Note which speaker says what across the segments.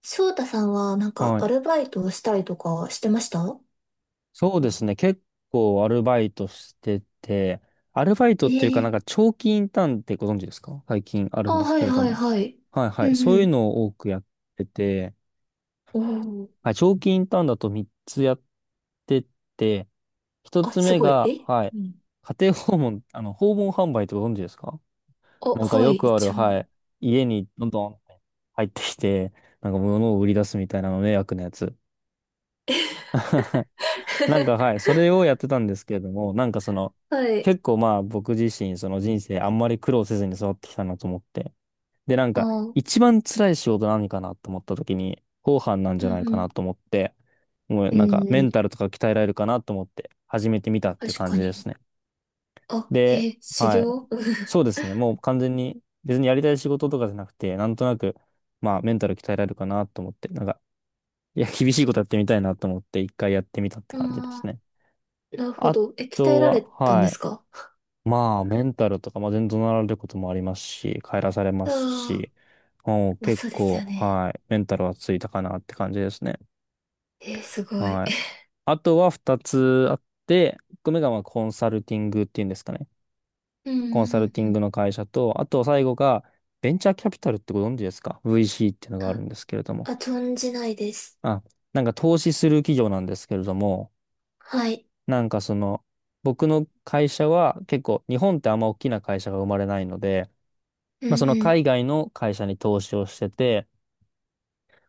Speaker 1: 翔太さんはなんか
Speaker 2: は
Speaker 1: ア
Speaker 2: い。
Speaker 1: ルバイトをしたりとかしてました？
Speaker 2: そうですね。結構アルバイトしてて、アルバイトっていうかなん
Speaker 1: ええ。
Speaker 2: か長期インターンってご存知ですか？最近ある
Speaker 1: あ、
Speaker 2: んです
Speaker 1: は
Speaker 2: け
Speaker 1: い
Speaker 2: れど
Speaker 1: はい
Speaker 2: も。
Speaker 1: はい。
Speaker 2: はいは
Speaker 1: う
Speaker 2: い。そういう
Speaker 1: ん
Speaker 2: のを多くやってて、
Speaker 1: うん。おお。
Speaker 2: はい、長期インターンだと3つやってて、1
Speaker 1: あ、
Speaker 2: つ
Speaker 1: す
Speaker 2: 目
Speaker 1: ごい。
Speaker 2: が、
Speaker 1: え
Speaker 2: はい、
Speaker 1: うん。
Speaker 2: 家庭訪問、あの、訪問販売ってご存知ですか？
Speaker 1: あ、
Speaker 2: なんか
Speaker 1: は
Speaker 2: よ
Speaker 1: い、
Speaker 2: くある、
Speaker 1: 一応。
Speaker 2: はい、家にどんどん入ってきて、なんか物を売り出すみたいなの迷惑なやつ。なんかはい、それをやってたんですけれども、なんかその、
Speaker 1: はい。
Speaker 2: 結構まあ僕自身、その人生あんまり苦労せずに育ってきたなと思って。で、なん
Speaker 1: あ
Speaker 2: か、
Speaker 1: ー、
Speaker 2: 一番辛い仕事何かなと思った時に、後半なん
Speaker 1: う
Speaker 2: じゃない
Speaker 1: ん
Speaker 2: か
Speaker 1: う
Speaker 2: な
Speaker 1: ん。
Speaker 2: と思って、もう
Speaker 1: う
Speaker 2: なんか
Speaker 1: んう
Speaker 2: メ
Speaker 1: ん、
Speaker 2: ンタルとか鍛えられるかなと思って始めてみたっていう
Speaker 1: 確
Speaker 2: 感
Speaker 1: か
Speaker 2: じで
Speaker 1: に。
Speaker 2: すね。
Speaker 1: あ、
Speaker 2: で、
Speaker 1: へえ、修
Speaker 2: はい。
Speaker 1: 行。
Speaker 2: そうですね。もう完全に別にやりたい仕事とかじゃなくて、なんとなく、まあメンタル鍛えられるかなと思って、なんか、いや、厳しいことやってみたいなと思って一回やってみたって
Speaker 1: う
Speaker 2: 感
Speaker 1: ん
Speaker 2: じで す
Speaker 1: あ
Speaker 2: ね。
Speaker 1: ー、なるほ
Speaker 2: あ
Speaker 1: ど。え、鍛え
Speaker 2: と
Speaker 1: られ
Speaker 2: は、
Speaker 1: たんで
Speaker 2: は
Speaker 1: す
Speaker 2: い。
Speaker 1: か？
Speaker 2: まあ、メンタルとか、まあ、全然怒鳴られることもありますし、帰らされま
Speaker 1: あ
Speaker 2: す
Speaker 1: あ
Speaker 2: し、もう
Speaker 1: ー、まあ
Speaker 2: 結
Speaker 1: そうです
Speaker 2: 構、
Speaker 1: よね。
Speaker 2: はい。メンタルはついたかなって感じですね。
Speaker 1: えー、すごい。
Speaker 2: はい。あとは二つあって、一個目がまあコンサルティングっていうんですかね。
Speaker 1: うんう
Speaker 2: コンサル
Speaker 1: ん
Speaker 2: ティ
Speaker 1: う
Speaker 2: ン
Speaker 1: ん。
Speaker 2: グの会社と、あと最後がベンチャーキャピタルってご存知ですか？ VC っていうのがある
Speaker 1: あ、
Speaker 2: んですけれども。
Speaker 1: あ、存じないです。
Speaker 2: あ、なんか投資する企業なんですけれども、
Speaker 1: はい。
Speaker 2: なんかその、僕の会社は結構日本ってあんま大きな会社が生まれないので、
Speaker 1: うん
Speaker 2: まあその
Speaker 1: う
Speaker 2: 海
Speaker 1: ん。
Speaker 2: 外の会社に投資をしてて、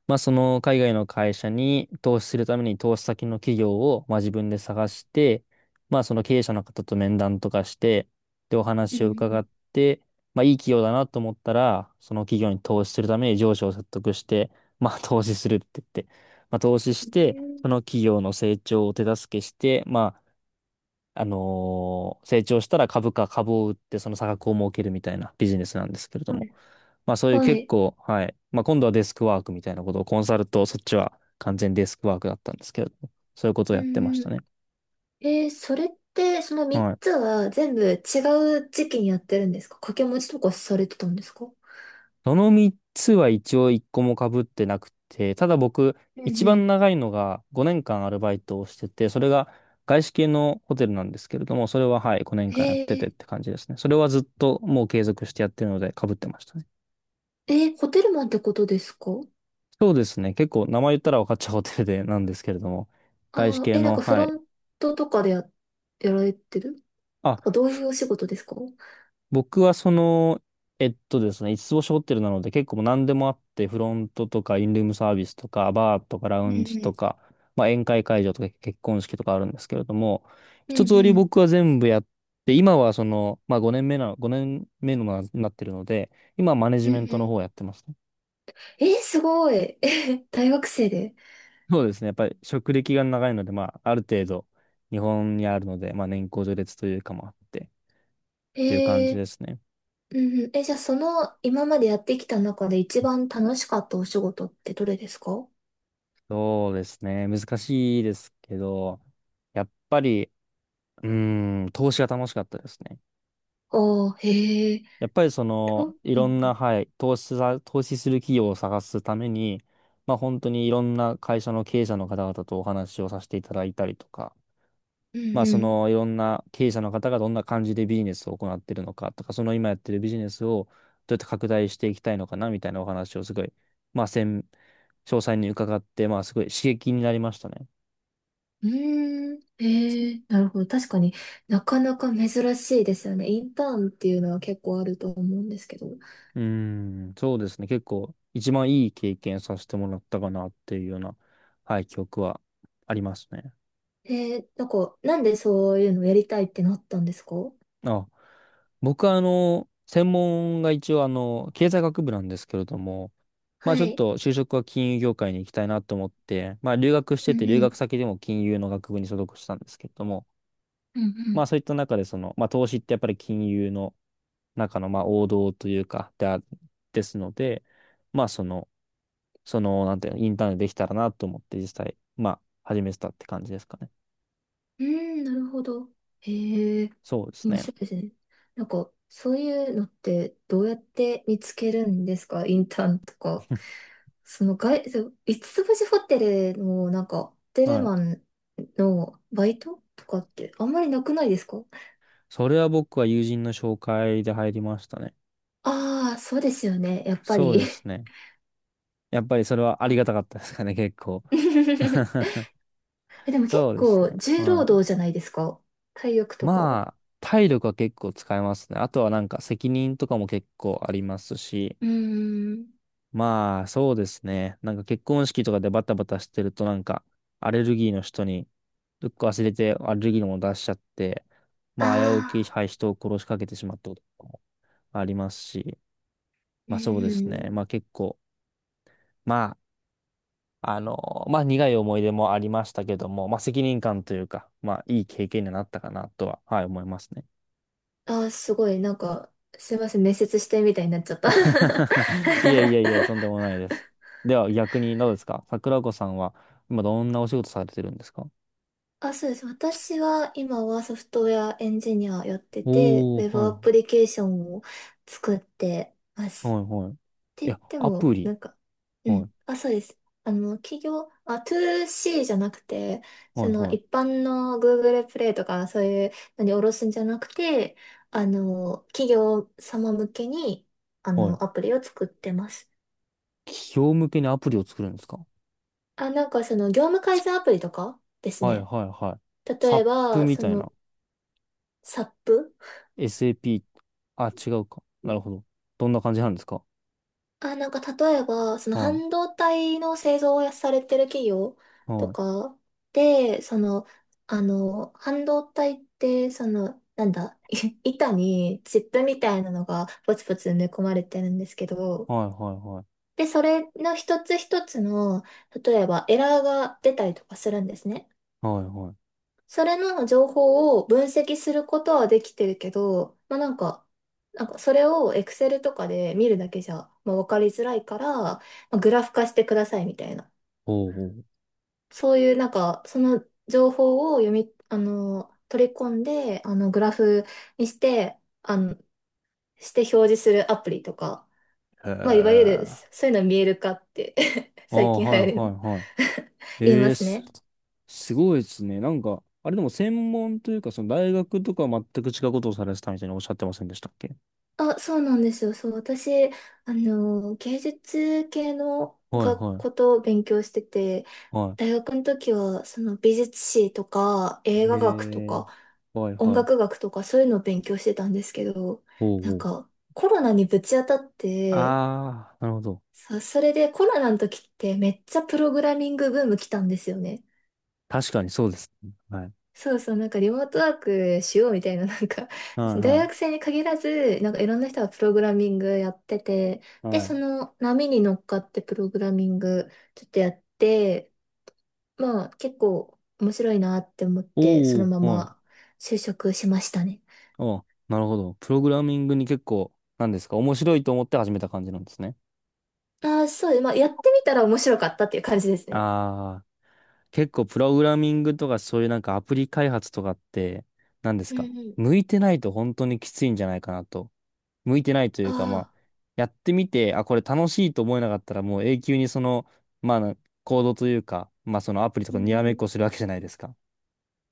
Speaker 2: まあその海外の会社に投資するために投資先の企業をまあ自分で探して、まあその経営者の方と面談とかして、でお
Speaker 1: うんう
Speaker 2: 話を伺
Speaker 1: ん。
Speaker 2: って、まあいい企業だなと思ったら、その企業に投資するために上司を説得して、まあ投資するって言って、まあ投資し
Speaker 1: え
Speaker 2: て、そ
Speaker 1: ー、
Speaker 2: の企業の成長を手助けして、まああのー成長したら株を売ってその差額を儲けるみたいなビジネスなんですけれど
Speaker 1: は
Speaker 2: も。
Speaker 1: い
Speaker 2: まあそういう
Speaker 1: は
Speaker 2: 結
Speaker 1: い。
Speaker 2: 構、はい。まあ今度はデスクワークみたいなことをコンサルと、そっちは完全デスクワークだったんですけれども、そういうことを
Speaker 1: う
Speaker 2: やってまし
Speaker 1: んう
Speaker 2: た
Speaker 1: ん。
Speaker 2: ね。
Speaker 1: えー、それって、その
Speaker 2: は
Speaker 1: 3
Speaker 2: い。
Speaker 1: つは全部違う時期にやってるんですか？掛け持ちとかされてたんですか？
Speaker 2: その3つは一応1個も被ってなくて、ただ僕、
Speaker 1: うん
Speaker 2: 一
Speaker 1: う
Speaker 2: 番
Speaker 1: ん。
Speaker 2: 長いのが5年間アルバイトをしてて、それが外資系のホテルなんですけれども、それははい、5年間やってて
Speaker 1: え
Speaker 2: って感じですね。それはずっともう継続してやってるので被ってましたね。
Speaker 1: ー、えーホテルマンってことですか？
Speaker 2: そうですね。結構名前言ったら分かっちゃうホテルでなんですけれども、
Speaker 1: あ
Speaker 2: 外資
Speaker 1: あ
Speaker 2: 系
Speaker 1: ー、えーなん
Speaker 2: の、
Speaker 1: かフ
Speaker 2: は
Speaker 1: ロ
Speaker 2: い。
Speaker 1: ントとかでやられてる、なん
Speaker 2: あ、
Speaker 1: かどういうお仕事ですか？うん
Speaker 2: 僕はその、えっとですね、五つつ星ホテルなので結構もう何でもあって、フロントとかインルームサービスとか、バーとかラ
Speaker 1: う
Speaker 2: ウンジ
Speaker 1: ん。
Speaker 2: とか、まあ、宴会会場とか結婚式とかあるんですけれども、
Speaker 1: うん
Speaker 2: 一通り
Speaker 1: うん。
Speaker 2: 僕は全部やって、今はその、まあ5年目なってるので、今はマネ
Speaker 1: う
Speaker 2: ジ
Speaker 1: んう
Speaker 2: メントの方
Speaker 1: ん。
Speaker 2: をやってますね。
Speaker 1: えー、すごい。大学生で。
Speaker 2: そうですね。やっぱり職歴が長いので、まあ、ある程度、日本にあるので、まあ、年功序列というかもあって、っていう感じ
Speaker 1: え
Speaker 2: で
Speaker 1: ー、
Speaker 2: すね。
Speaker 1: うんうん。え、じゃあその今までやってきた中で一番楽しかったお仕事ってどれですか？
Speaker 2: そうですね。難しいですけど、やっぱり、うーん、投資が楽しかったですね。
Speaker 1: ああ、へえ、
Speaker 2: やっぱりそ
Speaker 1: と、
Speaker 2: の、い
Speaker 1: う
Speaker 2: ろんな、
Speaker 1: ん、
Speaker 2: はい、投資する企業を探すために、まあ、本当にいろんな会社の経営者の方々とお話をさせていただいたりとか、
Speaker 1: うん、
Speaker 2: まあ、
Speaker 1: う
Speaker 2: そ
Speaker 1: ん。
Speaker 2: の、いろんな経営者の方がどんな感じでビジネスを行ってるのかとか、その今やってるビジネスをどうやって拡大していきたいのかなみたいなお話をすごい、まあ、専詳細に伺って、まあ、すごい刺激になりましたね。
Speaker 1: うーん、へえ、なるほど。確かになかなか珍しいですよね。インターンっていうのは結構あると思うんですけど。
Speaker 2: うーん、そうですね。結構、一番いい経験させてもらったかなっていうような、はい、記憶はありますね。
Speaker 1: へえ、なんか、なんでそういうのやりたいってなったんですか？
Speaker 2: あ、僕はあの、専門が一応あの、経済学部なんですけれども、まあ
Speaker 1: は
Speaker 2: ちょっ
Speaker 1: い。
Speaker 2: と就職は金融業界に行きたいなと思って、まあ留学し
Speaker 1: う
Speaker 2: てて
Speaker 1: ん
Speaker 2: 留
Speaker 1: うん。
Speaker 2: 学先でも金融の学部に所属したんですけれども、
Speaker 1: うんう
Speaker 2: まあ
Speaker 1: ん。
Speaker 2: そういった中でその、まあ投資ってやっぱり金融の中のまあ王道というか、であ、ですので、まあなんていうの、インターンでできたらなと思って実際、まあ始めてたって感じですかね。
Speaker 1: うーん、なるほど。へえ、
Speaker 2: そうです
Speaker 1: 面
Speaker 2: ね。
Speaker 1: 白いですね。なんか、そういうのってどうやって見つけるんですか？インターンとか。その外、そう五つ星ホテルのなんか、ホテル
Speaker 2: はい。
Speaker 1: マンのバイトとかってあんまりなくないですか？
Speaker 2: それは僕は友人の紹介で入りましたね。
Speaker 1: ああー、そうですよね。やっぱ
Speaker 2: そう
Speaker 1: り。
Speaker 2: ですね。やっぱりそれはあ
Speaker 1: あ。
Speaker 2: りがたかったですかね、結構。
Speaker 1: え、でも結
Speaker 2: そうです
Speaker 1: 構
Speaker 2: ね。
Speaker 1: 重労
Speaker 2: は
Speaker 1: 働
Speaker 2: い。
Speaker 1: じゃないですか？体力とか。う
Speaker 2: まあ、体力は結構使えますね。あとはなんか責任とかも結構ありますし、
Speaker 1: ーん。
Speaker 2: まあ、そうですね。なんか結婚式とかでバタバタしてるとなんか、アレルギーの人に、どっか忘れてアレルギーのもの出しちゃって、
Speaker 1: あ
Speaker 2: まあ、危うき、
Speaker 1: あ、
Speaker 2: はい、人を殺しかけてしまったこともありますし、
Speaker 1: う
Speaker 2: まあそうで
Speaker 1: ー
Speaker 2: すね。
Speaker 1: ん。
Speaker 2: まあ結構、まああの、まあ、苦い思い出もありましたけども、まあ、責任感というか、まあ、いい経験になったかなとは、はい、思いますね。
Speaker 1: ああ、すごい、なんか、すいません、面接してみたいになっちゃった。
Speaker 2: いやいやいや、とんでもないです。では、逆にどうですか？桜子さんは、今どんなお仕事されてるんですか？
Speaker 1: あ、そうです。私は今はソフトウェアエンジニアやってて、
Speaker 2: お
Speaker 1: ウェ
Speaker 2: ー、
Speaker 1: ブ
Speaker 2: は
Speaker 1: アプ
Speaker 2: い、
Speaker 1: リケーションを作ってま
Speaker 2: は
Speaker 1: す。
Speaker 2: い、はい。
Speaker 1: っ
Speaker 2: い
Speaker 1: て言っ
Speaker 2: や、
Speaker 1: て
Speaker 2: アプ
Speaker 1: も、
Speaker 2: リ。
Speaker 1: なんか、う
Speaker 2: はい、
Speaker 1: ん。あ、そうです。あの、企業、あ、トゥーシ c じゃなくて、
Speaker 2: は
Speaker 1: そ
Speaker 2: い、
Speaker 1: の
Speaker 2: はい、
Speaker 1: 一般の Google プレイとかそういうのに下ろすんじゃなくて、あの、企業様向けに、あ
Speaker 2: はい。
Speaker 1: の、アプリを作ってます。
Speaker 2: 企業向けにアプリを作るんですか？
Speaker 1: あ、なんかその業務改善アプリとかです
Speaker 2: はい、
Speaker 1: ね。
Speaker 2: はい、はい。サ
Speaker 1: 例え
Speaker 2: ップ
Speaker 1: ば、
Speaker 2: み
Speaker 1: そ
Speaker 2: たい
Speaker 1: の、
Speaker 2: な。
Speaker 1: SAP。
Speaker 2: SAP。あ、違うか。なるほど。どんな感じなんですか？
Speaker 1: あ、なんか例えば、その
Speaker 2: は
Speaker 1: 半導体の製造をされてる企業
Speaker 2: い、は
Speaker 1: と
Speaker 2: い、
Speaker 1: かで、その、あの、半導体って、その、なんだ、い板にチップみたいなのがポツポツ埋め込まれてるんですけど、
Speaker 2: はい、はい、はい。
Speaker 1: で、それの一つ一つの、例えばエラーが出たりとかするんですね。
Speaker 2: はいはい。
Speaker 1: それの情報を分析することはできてるけど、まあなんか、なんかそれを Excel とかで見るだけじゃ、まあ、わかりづらいから、まあ、グラフ化してくださいみたいな。
Speaker 2: おうおう。
Speaker 1: そういうなんか、その情報を読み、あの、取り込んで、あの、グラフにして、あの、表示するアプリとか、
Speaker 2: へえ。
Speaker 1: まあいわゆる
Speaker 2: あ
Speaker 1: そういうの見える化って
Speaker 2: あ、
Speaker 1: 最近流
Speaker 2: はい
Speaker 1: 行
Speaker 2: は
Speaker 1: り
Speaker 2: い
Speaker 1: の
Speaker 2: は い。
Speaker 1: 言いますね。
Speaker 2: すごいですね。なんか、あれでも専門というか、その大学とかは全く違うことをされてたみたいにおっしゃってませんでしたっけ？
Speaker 1: あ、そうなんですよ。そう、私、あの、芸術系の
Speaker 2: はい
Speaker 1: 学
Speaker 2: は
Speaker 1: こ
Speaker 2: い
Speaker 1: とを勉強してて、
Speaker 2: は
Speaker 1: 大学の時は、その美術史とか、映
Speaker 2: い。
Speaker 1: 画学と
Speaker 2: へえ、
Speaker 1: か、
Speaker 2: はい
Speaker 1: 音
Speaker 2: はい。
Speaker 1: 楽学とか、そういうのを勉強してたんですけど、
Speaker 2: お
Speaker 1: な
Speaker 2: う
Speaker 1: ん
Speaker 2: おう。
Speaker 1: か、コロナにぶち当たっ
Speaker 2: あ
Speaker 1: て、
Speaker 2: あ、なるほど。
Speaker 1: それでコロナの時ってめっちゃプログラミングブーム来たんですよね。
Speaker 2: 確かにそうですね。はい。
Speaker 1: そうそう、なんかリモートワークしようみたいな、なんか、
Speaker 2: は
Speaker 1: 大
Speaker 2: い
Speaker 1: 学生に限らず、なんかいろんな人がプログラミングやってて、
Speaker 2: はい
Speaker 1: で、
Speaker 2: は
Speaker 1: そ
Speaker 2: い。
Speaker 1: の波に乗っかってプログラミングちょっとやって、まあ結構面白いなって思って、そ
Speaker 2: お
Speaker 1: の
Speaker 2: お
Speaker 1: ま
Speaker 2: はい。
Speaker 1: ま就職しましたね。
Speaker 2: ああ、なるほど。プログラミングに結構、なんですか、面白いと思って始めた感じなんですね。
Speaker 1: ああ、そうです、まあやってみたら面白かったっていう感じですね。
Speaker 2: ああ。結構プログラミングとかそういうなんかアプリ開発とかって何です
Speaker 1: うん
Speaker 2: か、
Speaker 1: うん。
Speaker 2: 向いてないと本当にきついんじゃないかなと。向いてないとい
Speaker 1: あ
Speaker 2: うかまあ
Speaker 1: あ、
Speaker 2: やってみて、あ、これ楽しいと思えなかったらもう永久にそのまあコードというかまあそのアプリと
Speaker 1: う
Speaker 2: か
Speaker 1: ん
Speaker 2: にらめ
Speaker 1: う
Speaker 2: っ
Speaker 1: ん。
Speaker 2: こするわけじゃないですか。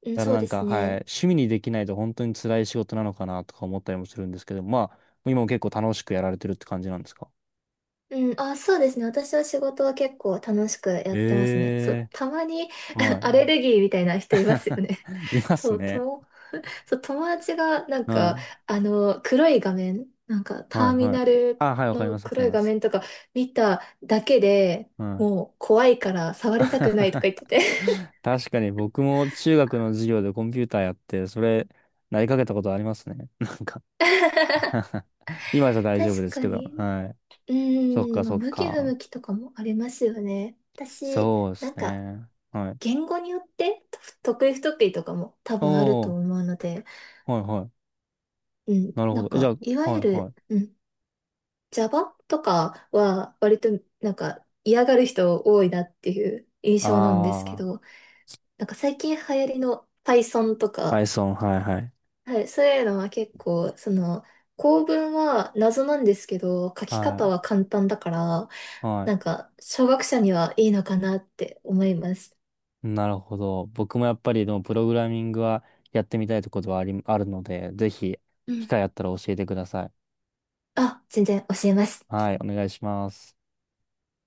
Speaker 1: うん、
Speaker 2: だから
Speaker 1: そう
Speaker 2: なん
Speaker 1: で
Speaker 2: か
Speaker 1: す
Speaker 2: はい
Speaker 1: ね。
Speaker 2: 趣味にできないと本当に辛い仕事なのかなとか思ったりもするんですけどまあ今も結構楽しくやられてるって感じなんですか？
Speaker 1: うん、あ、そうですね。私は仕事は結構楽しくや
Speaker 2: え
Speaker 1: ってますね。そう、
Speaker 2: え
Speaker 1: たまに
Speaker 2: ーは
Speaker 1: アレ
Speaker 2: い。
Speaker 1: ルギーみたいな人いますよね。
Speaker 2: い ます
Speaker 1: そう、と
Speaker 2: ね。
Speaker 1: も、そう、友達がなん
Speaker 2: は
Speaker 1: か、
Speaker 2: い
Speaker 1: あの、黒い画面、なんかタ
Speaker 2: はい
Speaker 1: ーミ
Speaker 2: はい。
Speaker 1: ナル
Speaker 2: あ、はい、わかり
Speaker 1: の
Speaker 2: ます、わか
Speaker 1: 黒
Speaker 2: り
Speaker 1: い
Speaker 2: ま
Speaker 1: 画
Speaker 2: す。
Speaker 1: 面とか見ただけで
Speaker 2: うん。
Speaker 1: もう怖いから触りたくないとか 言ってて。
Speaker 2: 確かに僕も中学の授業でコンピューターやって、それ、なりかけたことありますね。なんか 今じゃ大丈夫
Speaker 1: 確
Speaker 2: です
Speaker 1: か
Speaker 2: けど。
Speaker 1: に。
Speaker 2: はい。
Speaker 1: う
Speaker 2: そっ
Speaker 1: ー
Speaker 2: か、
Speaker 1: ん、まあ、
Speaker 2: そっ
Speaker 1: 向き不向
Speaker 2: か。
Speaker 1: きとかもありますよね。私、
Speaker 2: そうで
Speaker 1: な
Speaker 2: す
Speaker 1: んか、
Speaker 2: ね。はい。
Speaker 1: 言語によってと得意不得意とかも多
Speaker 2: お
Speaker 1: 分あると
Speaker 2: ー、
Speaker 1: 思うので、
Speaker 2: はいはい。
Speaker 1: うん、
Speaker 2: なる
Speaker 1: な
Speaker 2: ほど。
Speaker 1: ん
Speaker 2: えじゃ
Speaker 1: か、い
Speaker 2: あ、
Speaker 1: わ
Speaker 2: は
Speaker 1: ゆ
Speaker 2: いは
Speaker 1: る、
Speaker 2: い。
Speaker 1: うん、Java とかは割となんか嫌がる人多いなっていう印象なんですけ
Speaker 2: あ
Speaker 1: ど、なんか最近流行りの Python と
Speaker 2: ー、
Speaker 1: か、
Speaker 2: Python、はいはい。
Speaker 1: はい、そういうのは結構、その、構文は謎なんですけど、書き方
Speaker 2: は
Speaker 1: は簡単だから、
Speaker 2: い。は
Speaker 1: なん
Speaker 2: い。
Speaker 1: か、小学者にはいいのかなって思います。
Speaker 2: なるほど。僕もやっぱりでもプログラミングはやってみたいところはあるので、ぜひ
Speaker 1: う
Speaker 2: 機
Speaker 1: ん。
Speaker 2: 会あったら教えてください。
Speaker 1: あ、全然教えます。
Speaker 2: はい、お願いします。